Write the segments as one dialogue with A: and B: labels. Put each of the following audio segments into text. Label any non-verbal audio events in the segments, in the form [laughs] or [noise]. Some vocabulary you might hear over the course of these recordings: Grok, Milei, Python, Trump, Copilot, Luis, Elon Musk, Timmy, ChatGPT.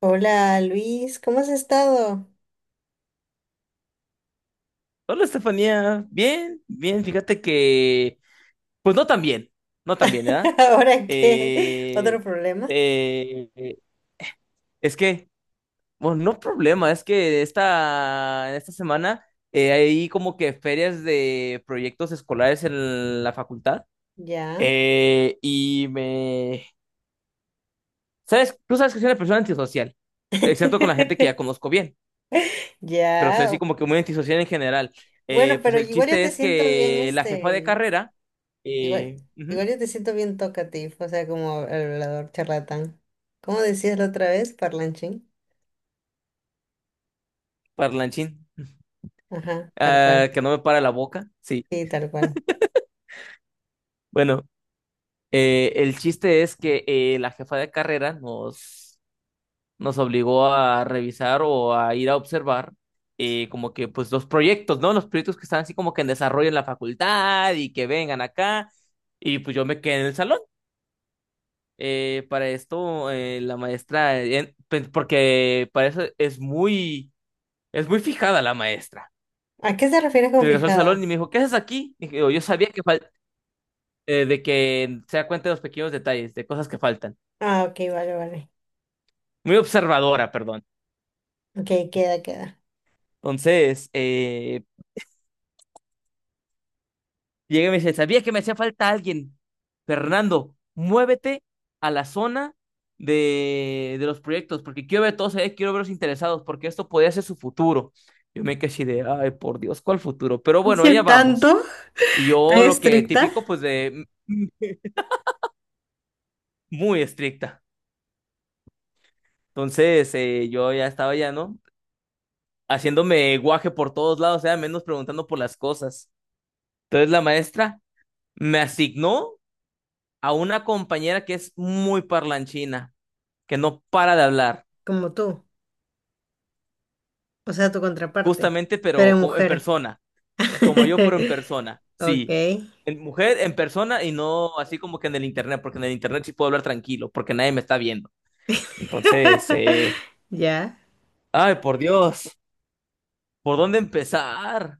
A: Hola Luis, ¿cómo has estado?
B: Hola, Estefanía. Bien, bien. Fíjate que, pues no tan bien, no tan bien,
A: [laughs]
B: ¿verdad?
A: ¿Ahora qué?
B: Eh,
A: ¿Otro problema?
B: eh, eh, es que, bueno, no problema, es que esta, en esta semana hay como que ferias de proyectos escolares en la facultad.
A: Ya.
B: Y me... ¿Sabes? Tú sabes que soy una persona antisocial, excepto con la gente que
A: [laughs]
B: ya conozco bien. Pero soy así
A: Ya.
B: como que muy antisocial en general.
A: Bueno,
B: Pues
A: pero
B: el
A: igual yo
B: chiste
A: te
B: es
A: siento bien,
B: que la jefa de
A: este,
B: carrera,
A: igual,
B: ujú,
A: igual yo te siento bien talkative, o sea, como hablador charlatán. ¿Cómo decías la otra vez, parlanchín?
B: parlanchín,
A: Ajá, tal
B: ah,
A: cual.
B: que no me para la boca, sí.
A: Sí, tal cual.
B: Bueno, el chiste es que la jefa de carrera nos obligó a revisar o a ir a observar como que pues los proyectos, ¿no? Los proyectos que están así como que en desarrollo en la facultad y que vengan acá. Y pues yo me quedé en el salón. Para esto, la maestra, porque para eso es es muy fijada la maestra.
A: ¿A qué te refieres con
B: Regresó al
A: fijada?
B: salón y me dijo, ¿qué haces aquí? Dije, "Oh, yo sabía que de que se da cuenta de los pequeños detalles, de cosas que faltan.
A: Ah, ok, vale, vale.
B: Muy observadora, perdón.
A: Ok, queda, queda.
B: Entonces, llega y me dice, ¿sabías que me hacía falta alguien? Fernando, muévete a la zona de los proyectos, porque quiero ver a todos ahí, quiero verlos interesados, porque esto podría ser su futuro. Yo me quedé así de, ay, por Dios, ¿cuál futuro? Pero
A: [laughs]
B: bueno,
A: ¿Hice
B: allá vamos.
A: tanto?
B: Y
A: ¿Tan
B: yo lo que
A: estricta?
B: típico, pues de mm, muy estricta. Entonces, yo ya estaba ya, ¿no? Haciéndome guaje por todos lados, o sea, menos preguntando por las cosas. Entonces la maestra me asignó a una compañera que es muy parlanchina que no para de hablar,
A: Como tú. O sea, tu contraparte.
B: justamente,
A: Pero
B: pero en
A: mujer.
B: persona, como yo, pero en persona,
A: [laughs] Ok.
B: sí. En mujer, en persona y no así como que en el internet, porque en el internet sí puedo hablar tranquilo, porque nadie me está viendo. Entonces,
A: [laughs] Ya.
B: ay, por Dios, ¿por dónde empezar?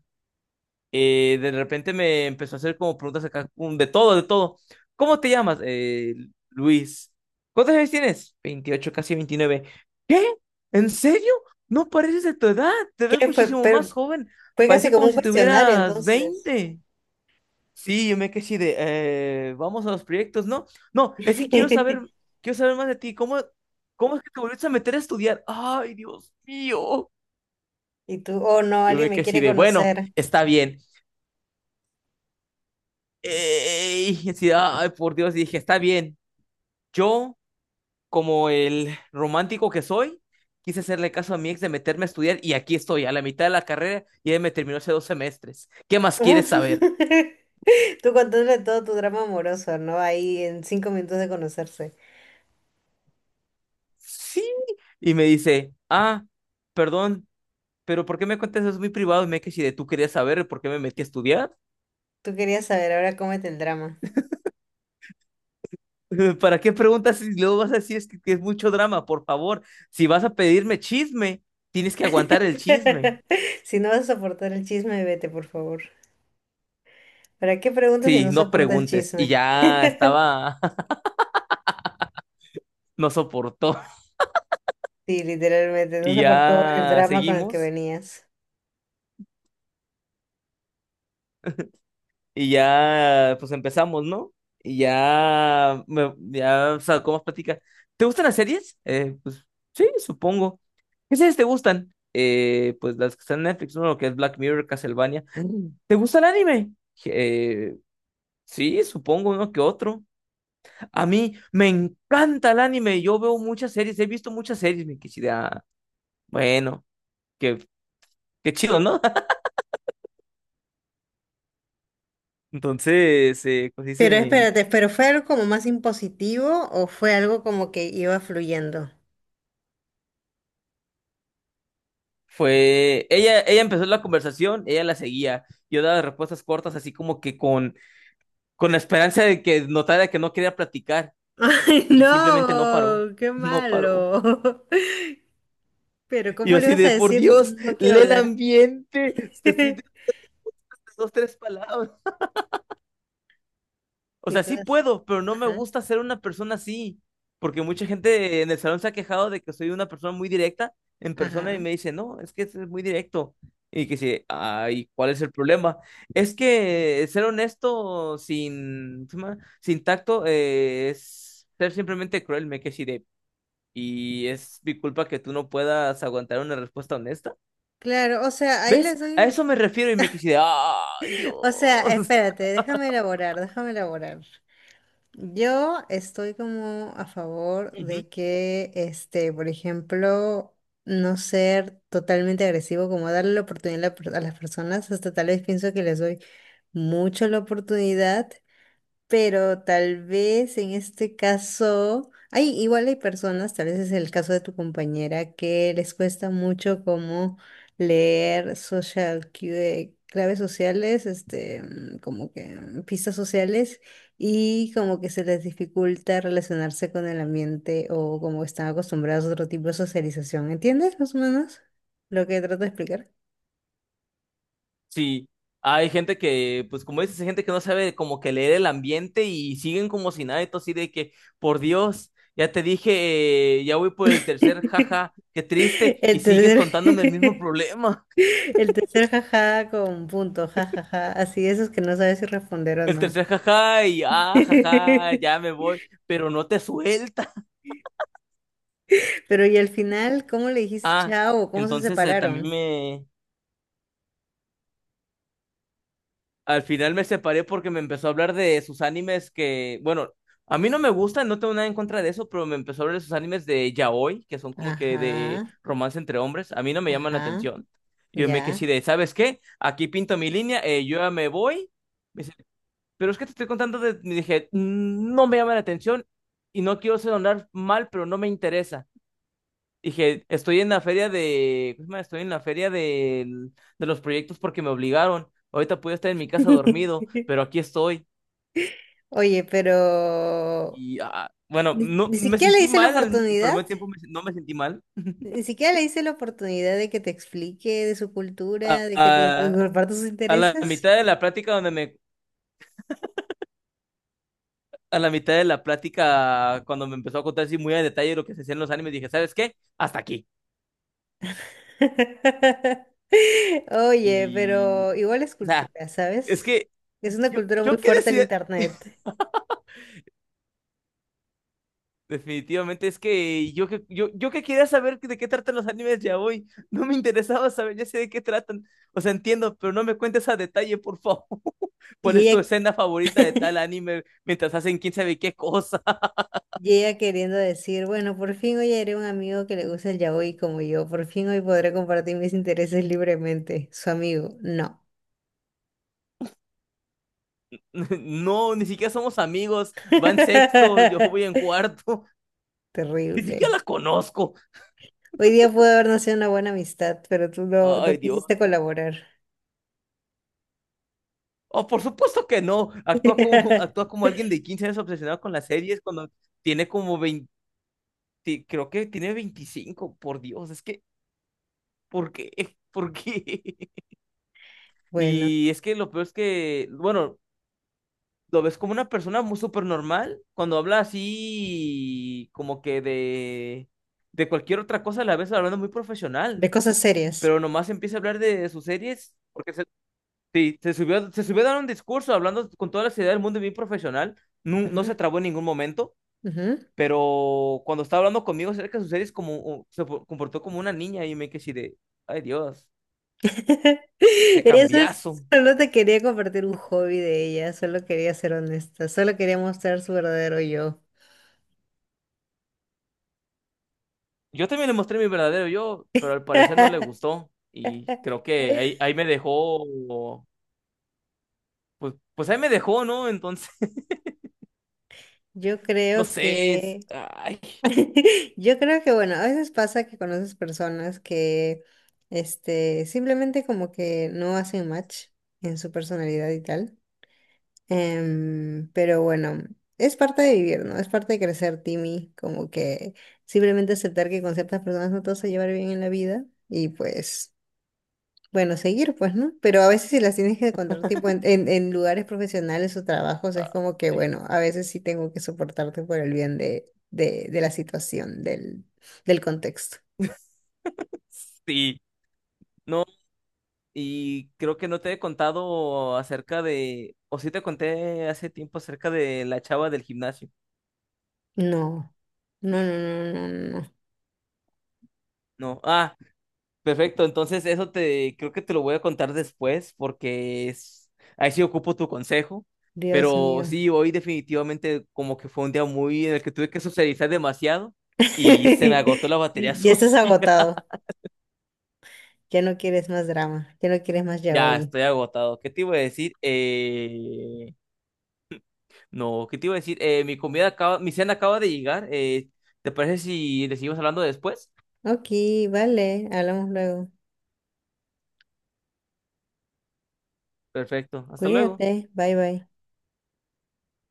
B: De repente me empezó a hacer como preguntas acá, de todo, de todo. ¿Cómo te llamas? Luis. ¿Cuántos años tienes? 28, casi 29 ¿Qué? ¿En serio? No pareces de tu edad, te ves
A: ¿Qué fue?
B: muchísimo más
A: Pero
B: joven.
A: fue casi
B: Parece
A: como
B: como
A: un
B: si
A: cuestionario
B: tuvieras
A: entonces.
B: veinte Sí, yo me quedé así de, vamos a los proyectos, ¿no? No, es que
A: [laughs]
B: quiero saber más de ti. ¿Cómo, cómo es que te volviste a meter a estudiar? Ay, Dios mío.
A: Y tú, oh no,
B: Yo
A: alguien
B: me
A: me
B: quedé así
A: quiere
B: de, bueno,
A: conocer.
B: está bien. Y así, ay, por Dios, y dije, está bien. Yo, como el romántico que soy, quise hacerle caso a mi ex de meterme a estudiar y aquí estoy, a la mitad de la carrera y él me terminó hace dos semestres. ¿Qué más quieres
A: [laughs]
B: saber?
A: Tú contándole todo tu drama amoroso, ¿no? Ahí en cinco minutos de conocerse.
B: Sí. Y me dice, ah, perdón, pero ¿por qué me cuentas eso muy privado? Y me dije si de tú querías saber por qué me metí a estudiar.
A: Tú querías saber, ahora cómete el drama.
B: [laughs] ¿Para qué preguntas si luego vas a decir es que es mucho drama? Por favor, si vas a pedirme chisme, tienes que aguantar el chisme.
A: [laughs] Si no vas a soportar el chisme, vete, por favor. ¿Para qué preguntas si
B: Sí,
A: no
B: no
A: soporta el
B: preguntes. Y
A: chisme?
B: ya
A: [laughs]
B: estaba, [laughs] no soportó.
A: Sí, literalmente, no
B: Y
A: soportó el
B: ya
A: drama con el que
B: seguimos.
A: venías.
B: Y ya, pues empezamos, ¿no? Y ya, ya, o sea, ¿cómo platica? ¿Te gustan las series? Pues sí, supongo. ¿Qué series te gustan? Pues las que están en Netflix, ¿no? Lo que es Black Mirror, Castlevania. ¿Te gusta el anime? Eh, sí, supongo, ¿no? Que otro. A mí me encanta el anime. Yo veo muchas series, he visto muchas series, me quisiera. Bueno que qué chido, ¿no? [laughs] Entonces, pues
A: Pero
B: dice,
A: espérate, ¿pero fue algo como más impositivo o fue algo como que iba fluyendo?
B: fue, ella empezó la conversación, ella la seguía, yo daba respuestas cortas, así como que con la esperanza de que notara que no quería platicar,
A: [laughs] ¡Ay,
B: y simplemente no paró,
A: no! ¡Qué
B: [laughs] no paró.
A: malo! [laughs] Pero
B: Y
A: ¿cómo
B: yo
A: le
B: así
A: vas a
B: de, por
A: decir
B: Dios,
A: no quiero
B: lee el
A: hablar?
B: ambiente, te estoy diciendo
A: [laughs]
B: dos, tres palabras. O
A: Y
B: sea, sí
A: todas,
B: puedo, pero no me
A: ajá,
B: gusta ser una persona así. Porque mucha gente en el salón se ha quejado de que soy una persona muy directa en persona y
A: ajá.
B: me dice, no, es que es muy directo. Y que sí, ay, ¿cuál es el problema? Es que ser honesto sin, ¿cómo se llama? Sin tacto, es ser simplemente cruel, me quedé así de, y es mi culpa que tú no puedas aguantar una respuesta honesta.
A: Claro, o sea, ahí
B: ¿Ves?
A: les
B: A
A: doy...
B: eso me refiero y me quedé así de, ay,
A: O sea,
B: Dios.
A: espérate, déjame elaborar, déjame elaborar. Yo estoy como a favor de
B: [laughs]
A: que, este, por ejemplo, no ser totalmente agresivo, como darle la oportunidad a la a las personas, hasta tal vez pienso que les doy mucho la oportunidad, pero tal vez en este caso, hay, igual hay personas, tal vez es el caso de tu compañera, que les cuesta mucho como leer claves sociales, este, como que pistas sociales, y como que se les dificulta relacionarse con el ambiente o como están acostumbrados a otro tipo de socialización. ¿Entiendes más o menos lo que trato de explicar?
B: Sí, hay gente que, pues como dices, hay gente que no sabe como que leer el ambiente y siguen como si nada, y todo así de que, por Dios, ya te dije, ya voy por el tercer jaja,
A: [laughs]
B: qué triste, y
A: El
B: sigues contándome el mismo
A: tercer [laughs]
B: problema. [laughs]
A: El tercer jaja con punto, jajaja. Así, esos que no sabes si responder o
B: El
A: no.
B: tercer jaja y ah, jaja, ya
A: [laughs]
B: me voy, pero no te suelta.
A: Pero y al final, ¿cómo le dijiste
B: Ah,
A: chao? ¿Cómo se
B: entonces también
A: separaron?
B: me, al final me separé porque me empezó a hablar de sus animes que, bueno, a mí no me gustan, no tengo nada en contra de eso, pero me empezó a hablar de sus animes de yaoi, que son como que de
A: Ajá,
B: romance entre hombres. A mí no me llaman la
A: ajá,
B: atención. Y yo me quedé así
A: ya.
B: de, ¿sabes qué? Aquí pinto mi línea, yo ya me voy. Me dice, pero es que te estoy contando de... Me dije, "Mm, no me llama la atención y no quiero sonar mal, pero no me interesa. Dije, estoy en la feria de, ¿cómo se llama? Estoy en la feria de, los proyectos porque me obligaron. Ahorita puedo estar en mi casa dormido,
A: [laughs]
B: pero aquí estoy.
A: Oye, pero
B: Y ah, bueno,
A: ni,
B: no
A: ni
B: me
A: siquiera le
B: sentí
A: hice la
B: mal, pero
A: oportunidad,
B: al mismo tiempo no me sentí mal.
A: ni siquiera le hice la oportunidad de que te explique de su
B: A,
A: cultura, de que te [laughs]
B: a-
A: comparta sus
B: a la
A: intereses.
B: mitad de la plática donde me, a la mitad de la plática cuando me empezó a contar así muy a detalle lo que se hacía en los animes, dije, ¿sabes qué? Hasta aquí.
A: [laughs] Oye,
B: Y,
A: pero igual es
B: o sea,
A: cultura,
B: es
A: ¿sabes?
B: que
A: Es una cultura muy
B: yo qué
A: fuerte el
B: decía.
A: internet.
B: Definitivamente, es que yo que quería saber de qué tratan los animes ya hoy, [laughs] no me interesaba saber, ya sé de qué tratan, o sea, entiendo, pero no me cuentes a detalle, por favor. [laughs] ¿Cuál
A: Y
B: es tu
A: ella,
B: escena favorita de tal anime mientras hacen quién sabe qué cosa?
A: y ella queriendo decir, bueno, por fin hoy haré un amigo que le gusta el yaoi como yo, por fin hoy podré compartir mis intereses libremente. Su amigo, no.
B: [laughs] No, ni siquiera somos amigos, va en sexto, yo voy en
A: [laughs]
B: cuarto, [laughs] ni siquiera
A: Terrible.
B: la conozco.
A: Hoy día pudo haber nacido una buena amistad, pero tú no, no
B: Ay, Dios.
A: quisiste colaborar.
B: Oh, por supuesto que no, actúa como, [laughs] actúa
A: [laughs]
B: como alguien de 15 años obsesionado con las series cuando tiene como 20, creo que tiene 25, por Dios, es que ¿por qué? ¿Por qué? [laughs]
A: Bueno,
B: Y es que lo peor es que, bueno, lo ves como una persona muy súper normal, cuando habla así, como que de cualquier otra cosa, la ves hablando muy profesional,
A: de cosas serias.
B: pero nomás empieza a hablar de sus series, porque sí, se subió a dar un discurso hablando con toda la seriedad del mundo y bien profesional, no
A: Ujú,
B: se trabó en ningún momento.
A: ujú.
B: Pero cuando estaba hablando conmigo acerca de sus series, como, se comportó como una niña y me quedé así de, ay, Dios,
A: [laughs]
B: qué
A: Eso es-
B: cambiazo.
A: Solo te quería compartir un hobby de ella, solo quería ser honesta, solo quería mostrar su verdadero yo.
B: Yo también le mostré mi verdadero yo, pero al parecer no le
A: [laughs]
B: gustó y creo que ahí me dejó, pues, pues ahí me dejó, ¿no? Entonces, [laughs]
A: Yo
B: no
A: creo
B: sé, es-
A: que,
B: ay,
A: [laughs] yo creo que bueno, a veces pasa que conoces personas que, este, simplemente como que no hacen match en su personalidad y tal. Em, pero bueno, es parte de vivir, ¿no? Es parte de crecer, Timmy, como que simplemente aceptar que con ciertas personas no te vas a llevar bien en la vida y pues, bueno, seguir, pues, ¿no? Pero a veces si las tienes que encontrar tipo en lugares profesionales o trabajos, es como que, bueno, a veces sí tengo que soportarte por el bien de la situación, del contexto.
B: sí, no, y creo que no te he contado acerca de, o sí te conté hace tiempo acerca de la chava del gimnasio,
A: No, no, no, no, no, no, no.
B: ¿no? Ah. Perfecto, entonces eso te creo que te lo voy a contar después porque es, ahí sí ocupo tu consejo,
A: Dios
B: pero
A: mío.
B: sí, hoy definitivamente como que fue un día muy en el que tuve que socializar demasiado y se me agotó
A: [laughs]
B: la batería [laughs]
A: Ya estás
B: social.
A: agotado. Ya no quieres más drama, ya no quieres más
B: Ya
A: yaoi.
B: estoy agotado. ¿Qué te iba a decir? No, ¿qué te iba a decir? Mi comida acaba, mi cena acaba de llegar. ¿Te parece si le seguimos hablando después?
A: Ok, vale, hablamos luego.
B: Perfecto, hasta luego.
A: Cuídate, bye bye.